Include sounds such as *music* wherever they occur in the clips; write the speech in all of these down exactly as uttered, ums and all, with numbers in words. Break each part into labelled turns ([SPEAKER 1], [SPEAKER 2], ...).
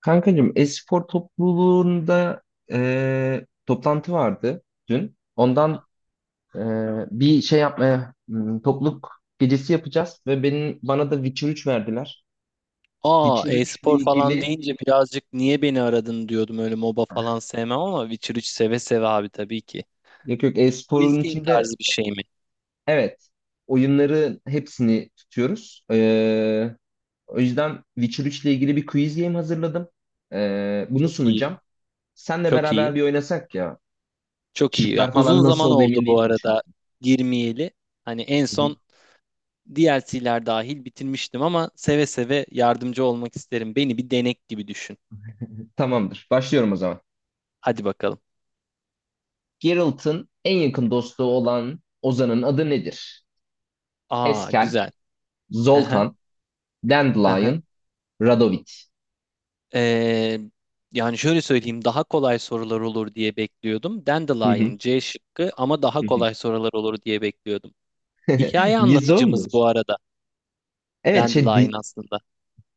[SPEAKER 1] Kankacığım, e-spor topluluğunda e, toplantı vardı dün. Ondan e, bir şey yapmaya hmm, topluluk gecesi yapacağız ve benim bana da Witcher üç verdiler.
[SPEAKER 2] Aa,
[SPEAKER 1] Witcher üç ile
[SPEAKER 2] e-spor falan
[SPEAKER 1] ilgili,
[SPEAKER 2] deyince birazcık niye beni aradın diyordum. Öyle MOBA falan sevmem ama Witcher üç seve seve abi tabii ki.
[SPEAKER 1] yok yok,
[SPEAKER 2] Quiz
[SPEAKER 1] e-sporun
[SPEAKER 2] game
[SPEAKER 1] içinde,
[SPEAKER 2] tarzı bir şey mi?
[SPEAKER 1] evet, oyunların hepsini tutuyoruz. E, o yüzden Witcher üç ile ilgili bir quiz game hazırladım. E, bunu
[SPEAKER 2] Çok iyi.
[SPEAKER 1] sunacağım. Senle
[SPEAKER 2] Çok
[SPEAKER 1] beraber
[SPEAKER 2] iyi.
[SPEAKER 1] bir oynasak ya.
[SPEAKER 2] Çok iyi. Ya,
[SPEAKER 1] Şıklar
[SPEAKER 2] uzun
[SPEAKER 1] falan nasıl
[SPEAKER 2] zaman
[SPEAKER 1] oldu
[SPEAKER 2] oldu
[SPEAKER 1] emin
[SPEAKER 2] bu
[SPEAKER 1] değilim çünkü.
[SPEAKER 2] arada girmeyeli. Hani en
[SPEAKER 1] Hı hı.
[SPEAKER 2] son D L C'ler dahil bitirmiştim ama seve seve yardımcı olmak isterim. Beni bir denek gibi düşün.
[SPEAKER 1] Tamamdır. Başlıyorum o zaman.
[SPEAKER 2] Hadi bakalım.
[SPEAKER 1] Geralt'ın en yakın dostu olan Ozan'ın adı nedir?
[SPEAKER 2] Aa,
[SPEAKER 1] Eskel,
[SPEAKER 2] güzel. Hı hı,
[SPEAKER 1] Zoltan,
[SPEAKER 2] hı hı.
[SPEAKER 1] Dandelion, Radovid.
[SPEAKER 2] Ee, Yani şöyle söyleyeyim, daha kolay sorular olur diye bekliyordum.
[SPEAKER 1] Hı hı,
[SPEAKER 2] Dandelion C şıkkı, ama daha
[SPEAKER 1] hı hı.
[SPEAKER 2] kolay sorular olur diye bekliyordum.
[SPEAKER 1] *laughs*
[SPEAKER 2] Hikaye
[SPEAKER 1] Niye
[SPEAKER 2] anlatıcımız
[SPEAKER 1] sormuyorsun?
[SPEAKER 2] bu arada
[SPEAKER 1] Evet, şey
[SPEAKER 2] Dandelion
[SPEAKER 1] di-
[SPEAKER 2] aslında.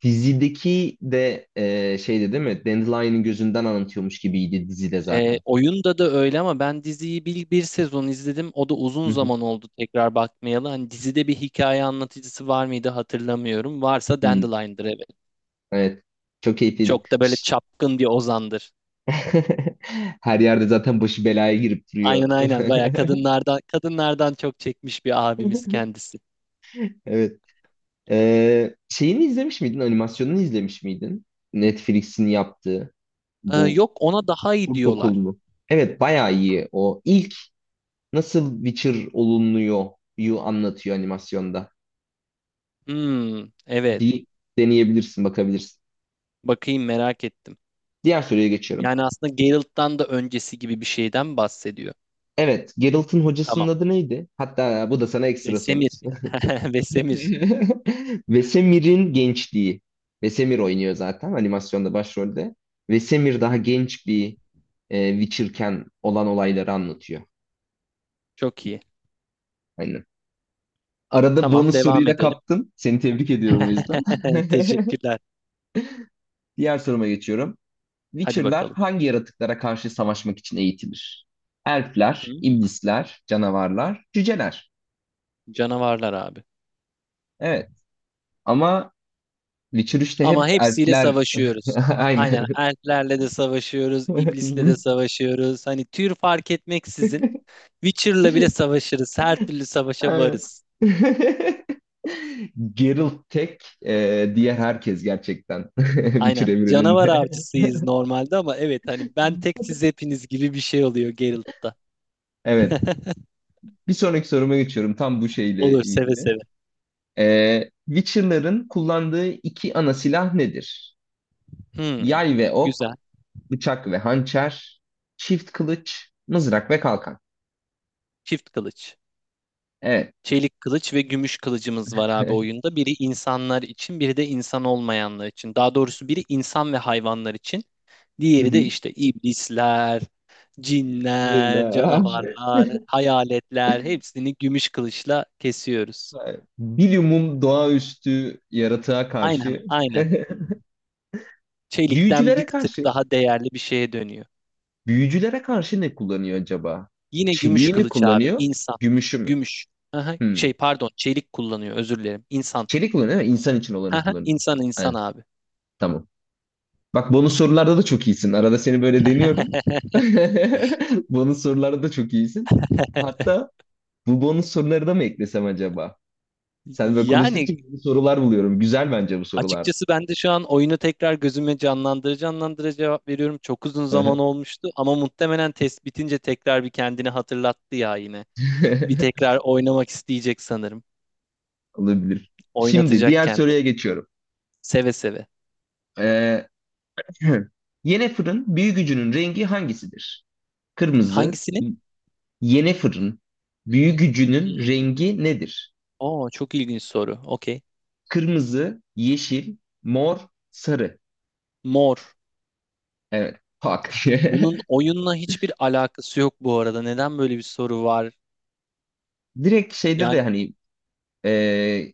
[SPEAKER 1] dizideki de e, şeydi değil mi? Dandelion'ın gözünden anlatıyormuş gibiydi dizide
[SPEAKER 2] Ee,
[SPEAKER 1] zaten.
[SPEAKER 2] oyunda da öyle, ama ben diziyi bir, bir sezon izledim. O da uzun
[SPEAKER 1] Hı hı.
[SPEAKER 2] zaman oldu tekrar bakmayalı. Hani dizide bir hikaye anlatıcısı var mıydı hatırlamıyorum. Varsa
[SPEAKER 1] Hmm,
[SPEAKER 2] Dandelion'dır, evet.
[SPEAKER 1] evet. Çok keyifliydi.
[SPEAKER 2] Çok da böyle
[SPEAKER 1] Ş-
[SPEAKER 2] çapkın bir ozandır.
[SPEAKER 1] *laughs* Her yerde zaten başı belaya girip
[SPEAKER 2] Aynen
[SPEAKER 1] duruyor.
[SPEAKER 2] aynen,
[SPEAKER 1] *laughs*
[SPEAKER 2] bayağı kadınlardan kadınlardan çok çekmiş bir abimiz kendisi.
[SPEAKER 1] Evet. Ee, şeyini izlemiş miydin? Animasyonunu izlemiş miydin? Netflix'in yaptığı
[SPEAKER 2] Ee,
[SPEAKER 1] bu
[SPEAKER 2] yok, ona daha iyi
[SPEAKER 1] kurt
[SPEAKER 2] diyorlar.
[SPEAKER 1] okulunu. Evet, bayağı iyi o. İlk nasıl Witcher olunuyor yu anlatıyor animasyonda.
[SPEAKER 2] Hmm, evet.
[SPEAKER 1] Bir deneyebilirsin, bakabilirsin.
[SPEAKER 2] Bakayım, merak ettim.
[SPEAKER 1] Diğer soruya geçiyorum.
[SPEAKER 2] Yani aslında Geralt'tan da öncesi gibi bir şeyden bahsediyor.
[SPEAKER 1] Evet, Geralt'ın hocasının
[SPEAKER 2] Tamam.
[SPEAKER 1] adı neydi? Hatta bu da sana ekstra soru.
[SPEAKER 2] Vesemir. *laughs* Vesemir.
[SPEAKER 1] *laughs* Vesemir'in gençliği. Vesemir oynuyor zaten animasyonda başrolde. Vesemir daha genç bir e, Witcher'ken olan olayları anlatıyor.
[SPEAKER 2] Çok iyi.
[SPEAKER 1] Aynen. Arada
[SPEAKER 2] Tamam,
[SPEAKER 1] bonus soruyu
[SPEAKER 2] devam
[SPEAKER 1] da
[SPEAKER 2] edelim.
[SPEAKER 1] kaptın. Seni tebrik ediyorum o yüzden.
[SPEAKER 2] *laughs*
[SPEAKER 1] *laughs*
[SPEAKER 2] Teşekkürler.
[SPEAKER 1] Diğer soruma geçiyorum.
[SPEAKER 2] Hadi
[SPEAKER 1] Witcher'lar
[SPEAKER 2] bakalım.
[SPEAKER 1] hangi yaratıklara karşı savaşmak için eğitilir? Elfler,
[SPEAKER 2] Hmm,
[SPEAKER 1] iblisler, canavarlar, cüceler.
[SPEAKER 2] canavarlar abi.
[SPEAKER 1] Evet. Ama Witcher üçte
[SPEAKER 2] Ama
[SPEAKER 1] hep
[SPEAKER 2] hepsiyle
[SPEAKER 1] elfler.
[SPEAKER 2] savaşıyoruz.
[SPEAKER 1] *laughs*
[SPEAKER 2] Aynen,
[SPEAKER 1] Aynen.
[SPEAKER 2] elflerle de savaşıyoruz, iblisle de savaşıyoruz. Hani tür fark etmeksizin Witcher'la bile savaşırız. Her türlü savaşa varız.
[SPEAKER 1] *laughs* Geralt tek, e, diğer herkes gerçekten *laughs*
[SPEAKER 2] Aynen.
[SPEAKER 1] Witcher
[SPEAKER 2] Canavar
[SPEAKER 1] evreninde.
[SPEAKER 2] avcısıyız normalde, ama evet, hani ben tek, siz hepiniz gibi bir şey oluyor Geralt'ta.
[SPEAKER 1] Evet.
[SPEAKER 2] *laughs*
[SPEAKER 1] Bir sonraki soruma geçiyorum. Tam bu şeyle
[SPEAKER 2] Olur, seve
[SPEAKER 1] ilgili.
[SPEAKER 2] seve.
[SPEAKER 1] Ee, Witcher'ların kullandığı iki ana silah nedir?
[SPEAKER 2] Hmm,
[SPEAKER 1] Yay ve
[SPEAKER 2] güzel.
[SPEAKER 1] ok, bıçak ve hançer, çift kılıç, mızrak ve kalkan.
[SPEAKER 2] Çift kılıç.
[SPEAKER 1] Evet.
[SPEAKER 2] Çelik kılıç ve gümüş kılıcımız var abi oyunda. Biri insanlar için, biri de insan olmayanlar için. Daha doğrusu biri insan ve hayvanlar için.
[SPEAKER 1] Hı
[SPEAKER 2] Diğeri de
[SPEAKER 1] hı.
[SPEAKER 2] işte iblisler,
[SPEAKER 1] Yine
[SPEAKER 2] cinler,
[SPEAKER 1] her şey.
[SPEAKER 2] canavarlar, hayaletler, hepsini gümüş kılıçla kesiyoruz.
[SPEAKER 1] Evet. Bilumum doğaüstü yaratığa
[SPEAKER 2] Aynen,
[SPEAKER 1] karşı.
[SPEAKER 2] aynen.
[SPEAKER 1] *laughs*
[SPEAKER 2] Çelikten bir
[SPEAKER 1] Büyücülere
[SPEAKER 2] tık
[SPEAKER 1] karşı.
[SPEAKER 2] daha değerli bir şeye dönüyor.
[SPEAKER 1] Büyücülere karşı ne kullanıyor acaba?
[SPEAKER 2] Yine gümüş
[SPEAKER 1] Çeliği mi
[SPEAKER 2] kılıç abi.
[SPEAKER 1] kullanıyor?
[SPEAKER 2] İnsan.
[SPEAKER 1] Gümüşü mü?
[SPEAKER 2] Gümüş. Aha,
[SPEAKER 1] Hmm.
[SPEAKER 2] şey pardon, çelik kullanıyor, özür dilerim. İnsan.
[SPEAKER 1] Çelik kullanıyor değil mi? İnsan için olanı
[SPEAKER 2] Aha,
[SPEAKER 1] kullanıyor.
[SPEAKER 2] insan insan
[SPEAKER 1] Aynen.
[SPEAKER 2] abi.
[SPEAKER 1] Tamam. Bak, bonus sorularda da çok iyisin. Arada seni böyle deniyorum.
[SPEAKER 2] *laughs*
[SPEAKER 1] *laughs* Bonus sorularda da çok iyisin. Hatta bu bonus soruları da mı eklesem acaba? Sen böyle
[SPEAKER 2] Yani
[SPEAKER 1] konuştukça yeni sorular buluyorum. Güzel bence bu sorular.
[SPEAKER 2] açıkçası ben de şu an oyunu tekrar gözüme canlandırıcı canlandıra cevap veriyorum. Çok uzun zaman
[SPEAKER 1] *laughs*
[SPEAKER 2] olmuştu, ama muhtemelen test bitince tekrar bir kendini hatırlattı ya yine. Bir tekrar oynamak isteyecek sanırım.
[SPEAKER 1] Olabilir. Şimdi
[SPEAKER 2] Oynatacak
[SPEAKER 1] diğer soruya
[SPEAKER 2] kendini.
[SPEAKER 1] geçiyorum.
[SPEAKER 2] Seve seve.
[SPEAKER 1] Ee, *clears throat* Yene fırın gücünün rengi hangisidir? Kırmızı.
[SPEAKER 2] Hangisinin?
[SPEAKER 1] Yene fırın gücünün
[SPEAKER 2] Hmm.
[SPEAKER 1] rengi nedir?
[SPEAKER 2] Oo, çok ilginç soru. Okey.
[SPEAKER 1] Kırmızı, yeşil, mor, sarı.
[SPEAKER 2] Mor.
[SPEAKER 1] Evet. Hak.
[SPEAKER 2] Bunun oyunla hiçbir alakası yok bu arada. Neden böyle bir soru var?
[SPEAKER 1] *laughs* Direkt şeyde de
[SPEAKER 2] Yani
[SPEAKER 1] hani e,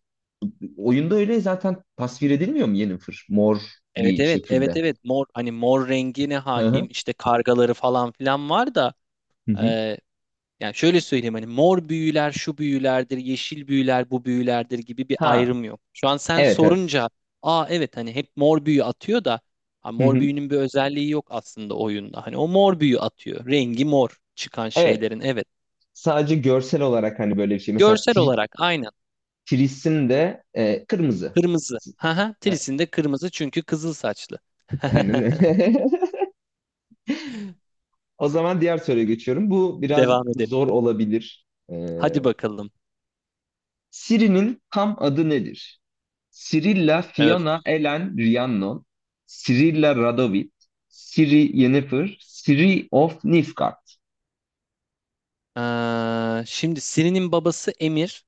[SPEAKER 1] oyunda öyle zaten tasvir edilmiyor mu Yennefer? Mor
[SPEAKER 2] evet
[SPEAKER 1] bir
[SPEAKER 2] evet evet
[SPEAKER 1] şekilde.
[SPEAKER 2] evet, mor, hani mor rengine
[SPEAKER 1] Hı hı.
[SPEAKER 2] hakim, işte kargaları falan filan var da,
[SPEAKER 1] Hı hı.
[SPEAKER 2] e, yani şöyle söyleyeyim, hani mor büyüler şu büyülerdir, yeşil büyüler bu büyülerdir gibi bir
[SPEAKER 1] Ha.
[SPEAKER 2] ayrım yok. Şu an sen
[SPEAKER 1] Evet, evet.
[SPEAKER 2] sorunca aa evet, hani hep mor büyü atıyor da, ha,
[SPEAKER 1] Hı
[SPEAKER 2] mor
[SPEAKER 1] hı.
[SPEAKER 2] büyünün bir özelliği yok aslında oyunda. Hani o mor büyü atıyor, rengi mor çıkan
[SPEAKER 1] Evet.
[SPEAKER 2] şeylerin, evet
[SPEAKER 1] Sadece görsel olarak hani böyle bir şey. Mesela
[SPEAKER 2] görsel
[SPEAKER 1] tri-
[SPEAKER 2] olarak aynı.
[SPEAKER 1] Tris'in de e, kırmızı.
[SPEAKER 2] Kırmızı. Haha,
[SPEAKER 1] A-
[SPEAKER 2] Tris'in de kırmızı çünkü kızıl saçlı.
[SPEAKER 1] Aynen
[SPEAKER 2] *laughs*
[SPEAKER 1] öyle. *laughs* O zaman diğer soruya geçiyorum. Bu biraz
[SPEAKER 2] Devam edelim.
[SPEAKER 1] zor olabilir. E,
[SPEAKER 2] Hadi bakalım.
[SPEAKER 1] Siri'nin tam adı nedir? Cirilla
[SPEAKER 2] Evet.
[SPEAKER 1] Fiona Ellen Rhiannon. Cirilla Radovid. Ciri Yennefer. Ciri of Nifgard.
[SPEAKER 2] Ee, şimdi Siri'nin babası Emir.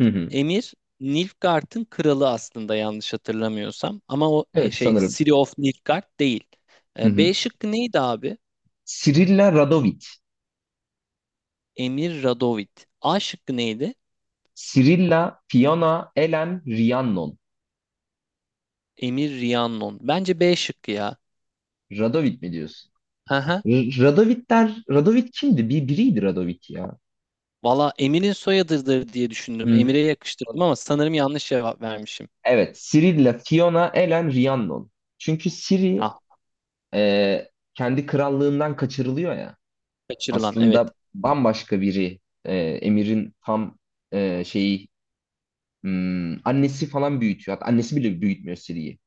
[SPEAKER 1] Hı hı.
[SPEAKER 2] Emir Nilfgaard'ın kralı aslında, yanlış hatırlamıyorsam. Ama o e,
[SPEAKER 1] Evet,
[SPEAKER 2] şey,
[SPEAKER 1] sanırım.
[SPEAKER 2] Siri of Nilfgaard değil.
[SPEAKER 1] Hı
[SPEAKER 2] Ee,
[SPEAKER 1] hı.
[SPEAKER 2] B şıkkı neydi abi?
[SPEAKER 1] Cirilla Radovid.
[SPEAKER 2] Emir Radovid. A şıkkı neydi?
[SPEAKER 1] Cirilla Fiona Ellen Rhiannon.
[SPEAKER 2] Emir Rhiannon. Bence B şıkkı ya.
[SPEAKER 1] Radovid mi diyorsun?
[SPEAKER 2] Haha.
[SPEAKER 1] Radovitler, Radovit kimdi? Bir biriydi Radovit ya.
[SPEAKER 2] Valla Emir'in soyadıdır diye düşündüm.
[SPEAKER 1] Hı.
[SPEAKER 2] Emir'e yakıştırdım, ama sanırım yanlış cevap vermişim.
[SPEAKER 1] Evet, Ciri'yle Fiona, Elen, Rhiannon. Çünkü Ciri
[SPEAKER 2] Ah,
[SPEAKER 1] e, kendi krallığından kaçırılıyor ya.
[SPEAKER 2] kaçırılan, evet.
[SPEAKER 1] Aslında bambaşka biri. E, Emir'in tam e, şeyi, hmm, annesi falan büyütüyor. Hatta annesi bile büyütmüyor Ciri'yi.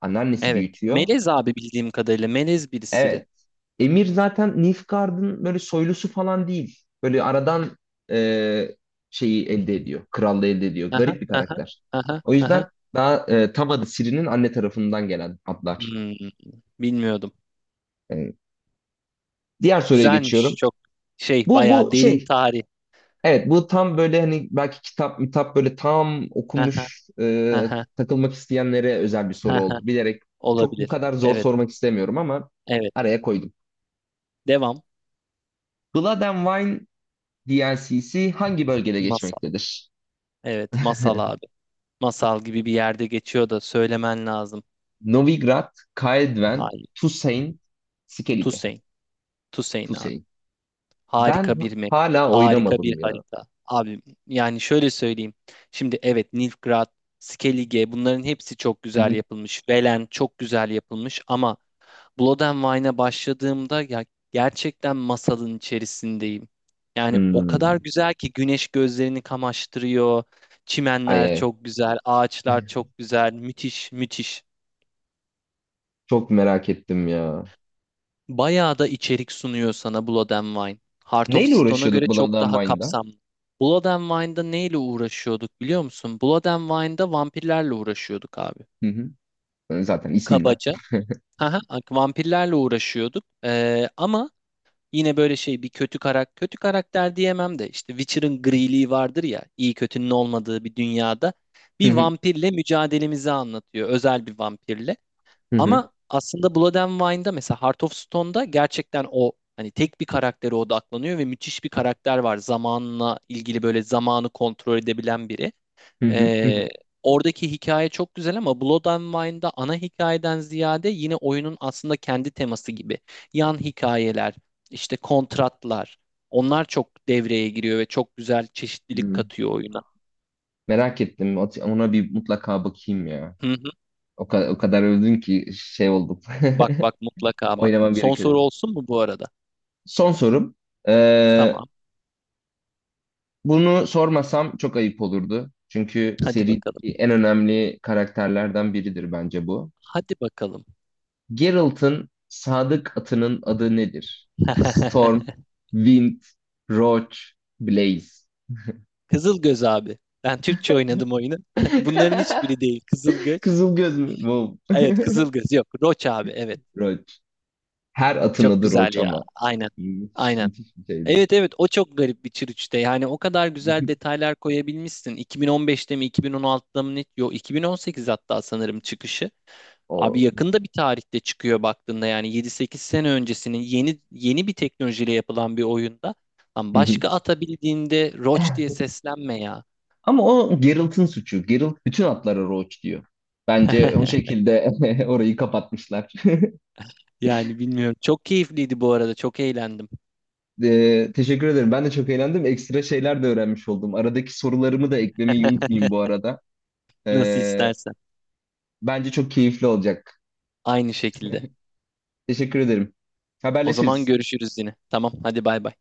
[SPEAKER 1] Anneannesi
[SPEAKER 2] Evet.
[SPEAKER 1] büyütüyor.
[SPEAKER 2] Melez abi, bildiğim kadarıyla. Melez birisiri.
[SPEAKER 1] Evet. Emir zaten Nilfgaard'ın böyle soylusu falan değil. Böyle aradan e, şeyi elde ediyor. Krallığı elde ediyor.
[SPEAKER 2] Aha,
[SPEAKER 1] Garip bir
[SPEAKER 2] aha,
[SPEAKER 1] karakter.
[SPEAKER 2] aha,
[SPEAKER 1] O
[SPEAKER 2] aha.
[SPEAKER 1] yüzden daha e, tam adı Ciri'nin anne tarafından gelen adlar.
[SPEAKER 2] Hmm, bilmiyordum.
[SPEAKER 1] E, Diğer soruya
[SPEAKER 2] Güzelmiş.
[SPEAKER 1] geçiyorum.
[SPEAKER 2] Çok şey,
[SPEAKER 1] Bu bu
[SPEAKER 2] bayağı derin
[SPEAKER 1] şey.
[SPEAKER 2] tarih.
[SPEAKER 1] Evet, bu tam böyle hani belki kitap mitap böyle tam
[SPEAKER 2] Aha,
[SPEAKER 1] okumuş, e,
[SPEAKER 2] aha,
[SPEAKER 1] takılmak isteyenlere özel bir soru
[SPEAKER 2] aha.
[SPEAKER 1] oldu. Bilerek çok bu
[SPEAKER 2] Olabilir.
[SPEAKER 1] kadar zor
[SPEAKER 2] Evet.
[SPEAKER 1] sormak istemiyorum ama
[SPEAKER 2] Evet.
[SPEAKER 1] araya koydum.
[SPEAKER 2] Devam.
[SPEAKER 1] Blood and Wine D L C'si hangi bölgede
[SPEAKER 2] Masal.
[SPEAKER 1] geçmektedir?
[SPEAKER 2] Evet.
[SPEAKER 1] *laughs*
[SPEAKER 2] Masal abi. Masal gibi bir yerde geçiyor da söylemen lazım.
[SPEAKER 1] Novigrad, Kael'Dven,
[SPEAKER 2] Hayır.
[SPEAKER 1] Tusain, Skellige.
[SPEAKER 2] Tusein. Tusein abi.
[SPEAKER 1] Tusain. Ben
[SPEAKER 2] Harika bir map.
[SPEAKER 1] hala
[SPEAKER 2] Harika bir
[SPEAKER 1] oynamadım ya.
[SPEAKER 2] harita. Abi yani şöyle söyleyeyim. Şimdi evet Nilfgaard, Skellige, bunların hepsi çok
[SPEAKER 1] Hı
[SPEAKER 2] güzel
[SPEAKER 1] hı.
[SPEAKER 2] yapılmış. Velen çok güzel yapılmış, ama Blood and Wine'a başladığımda ya, gerçekten masalın içerisindeyim. Yani o kadar
[SPEAKER 1] Hmm.
[SPEAKER 2] güzel ki güneş gözlerini kamaştırıyor.
[SPEAKER 1] Ay
[SPEAKER 2] Çimenler
[SPEAKER 1] ay.
[SPEAKER 2] çok güzel, ağaçlar çok güzel. Müthiş, müthiş.
[SPEAKER 1] Çok merak ettim ya.
[SPEAKER 2] Bayağı da içerik sunuyor sana Blood and Wine. Heart of
[SPEAKER 1] Neyle
[SPEAKER 2] Stone'a
[SPEAKER 1] uğraşıyorduk
[SPEAKER 2] göre
[SPEAKER 1] Blood
[SPEAKER 2] çok
[SPEAKER 1] and.
[SPEAKER 2] daha kapsamlı. Blood and Wine'da neyle uğraşıyorduk biliyor musun? Blood and Wine'da vampirlerle uğraşıyorduk abi.
[SPEAKER 1] Hı hı. Yani zaten isminden.
[SPEAKER 2] Kabaca. Aha, vampirlerle uğraşıyorduk. Ee, ama yine böyle şey, bir kötü karakter, kötü karakter diyemem de, işte Witcher'ın griliği vardır ya, iyi kötünün olmadığı bir dünyada
[SPEAKER 1] Hı
[SPEAKER 2] bir
[SPEAKER 1] hı.
[SPEAKER 2] vampirle mücadelemizi anlatıyor. Özel bir vampirle.
[SPEAKER 1] Hı hı.
[SPEAKER 2] Ama aslında Blood and Wine'da, mesela Heart of Stone'da gerçekten o hani tek bir karaktere odaklanıyor ve müthiş bir karakter var. Zamanla ilgili böyle zamanı kontrol edebilen biri.
[SPEAKER 1] Hı hı. Hı hı.
[SPEAKER 2] Ee, Oradaki hikaye çok güzel, ama Blood and Wine'da ana hikayeden ziyade yine oyunun aslında kendi teması gibi. Yan hikayeler, işte kontratlar, onlar çok devreye giriyor ve çok güzel çeşitlilik
[SPEAKER 1] Hı.
[SPEAKER 2] katıyor oyuna.
[SPEAKER 1] Merak ettim. Ona bir mutlaka bakayım ya.
[SPEAKER 2] Hı hı.
[SPEAKER 1] O kadar, o kadar övdün ki şey oldum.
[SPEAKER 2] Bak bak,
[SPEAKER 1] *laughs*
[SPEAKER 2] mutlaka bak.
[SPEAKER 1] Oynamam
[SPEAKER 2] Son
[SPEAKER 1] gerekiyor.
[SPEAKER 2] soru olsun mu bu arada?
[SPEAKER 1] Son sorum. Ee,
[SPEAKER 2] Tamam.
[SPEAKER 1] Bunu sormasam çok ayıp olurdu. Çünkü
[SPEAKER 2] Hadi
[SPEAKER 1] seri
[SPEAKER 2] bakalım.
[SPEAKER 1] en önemli karakterlerden biridir bence bu.
[SPEAKER 2] Hadi bakalım.
[SPEAKER 1] Geralt'ın sadık atının adı nedir? Storm,
[SPEAKER 2] *laughs*
[SPEAKER 1] Wind, Roach, Blaze.
[SPEAKER 2] Kızılgöz abi. Ben Türkçe oynadım oyunu. *laughs* Bunların hiçbiri değil.
[SPEAKER 1] *laughs*
[SPEAKER 2] Kızılgöz.
[SPEAKER 1] Kızıl göz mü? Wow.
[SPEAKER 2] Evet, Kızılgöz. Yok, Roç abi. Evet.
[SPEAKER 1] Roach. Her atın
[SPEAKER 2] Çok
[SPEAKER 1] adı
[SPEAKER 2] güzel
[SPEAKER 1] Roach
[SPEAKER 2] ya.
[SPEAKER 1] ama.
[SPEAKER 2] Aynen.
[SPEAKER 1] Müthiş,
[SPEAKER 2] Aynen.
[SPEAKER 1] müthiş bir şeydi.
[SPEAKER 2] Evet evet, o çok garip bir çürüçte. Yani o kadar güzel
[SPEAKER 1] *laughs*
[SPEAKER 2] detaylar koyabilmişsin. iki bin on beşte mi iki bin on altıda mı ne? Yok, iki bin on sekiz hatta sanırım çıkışı. Abi
[SPEAKER 1] O.
[SPEAKER 2] yakında bir tarihte çıkıyor baktığında, yani yedi sekiz sene öncesinin yeni yeni bir teknolojiyle yapılan bir oyunda. Lan
[SPEAKER 1] Hı hı.
[SPEAKER 2] başka atabildiğinde Roach diye
[SPEAKER 1] *laughs*
[SPEAKER 2] seslenme ya.
[SPEAKER 1] Ama o Geralt'ın suçu. Geralt bütün atlara Roach diyor. Bence o
[SPEAKER 2] *laughs*
[SPEAKER 1] şekilde *laughs* orayı kapatmışlar. *laughs*
[SPEAKER 2] Yani bilmiyorum. Çok keyifliydi bu arada. Çok eğlendim.
[SPEAKER 1] Ee, teşekkür ederim. Ben de çok eğlendim. Ekstra şeyler de öğrenmiş oldum. Aradaki sorularımı da eklemeyi unutmayayım
[SPEAKER 2] *laughs*
[SPEAKER 1] bu arada.
[SPEAKER 2] Nasıl
[SPEAKER 1] Ee,
[SPEAKER 2] istersen.
[SPEAKER 1] Bence çok keyifli olacak.
[SPEAKER 2] Aynı şekilde.
[SPEAKER 1] Teşekkür ederim.
[SPEAKER 2] O zaman
[SPEAKER 1] Haberleşiriz.
[SPEAKER 2] görüşürüz yine. Tamam, hadi bay bay.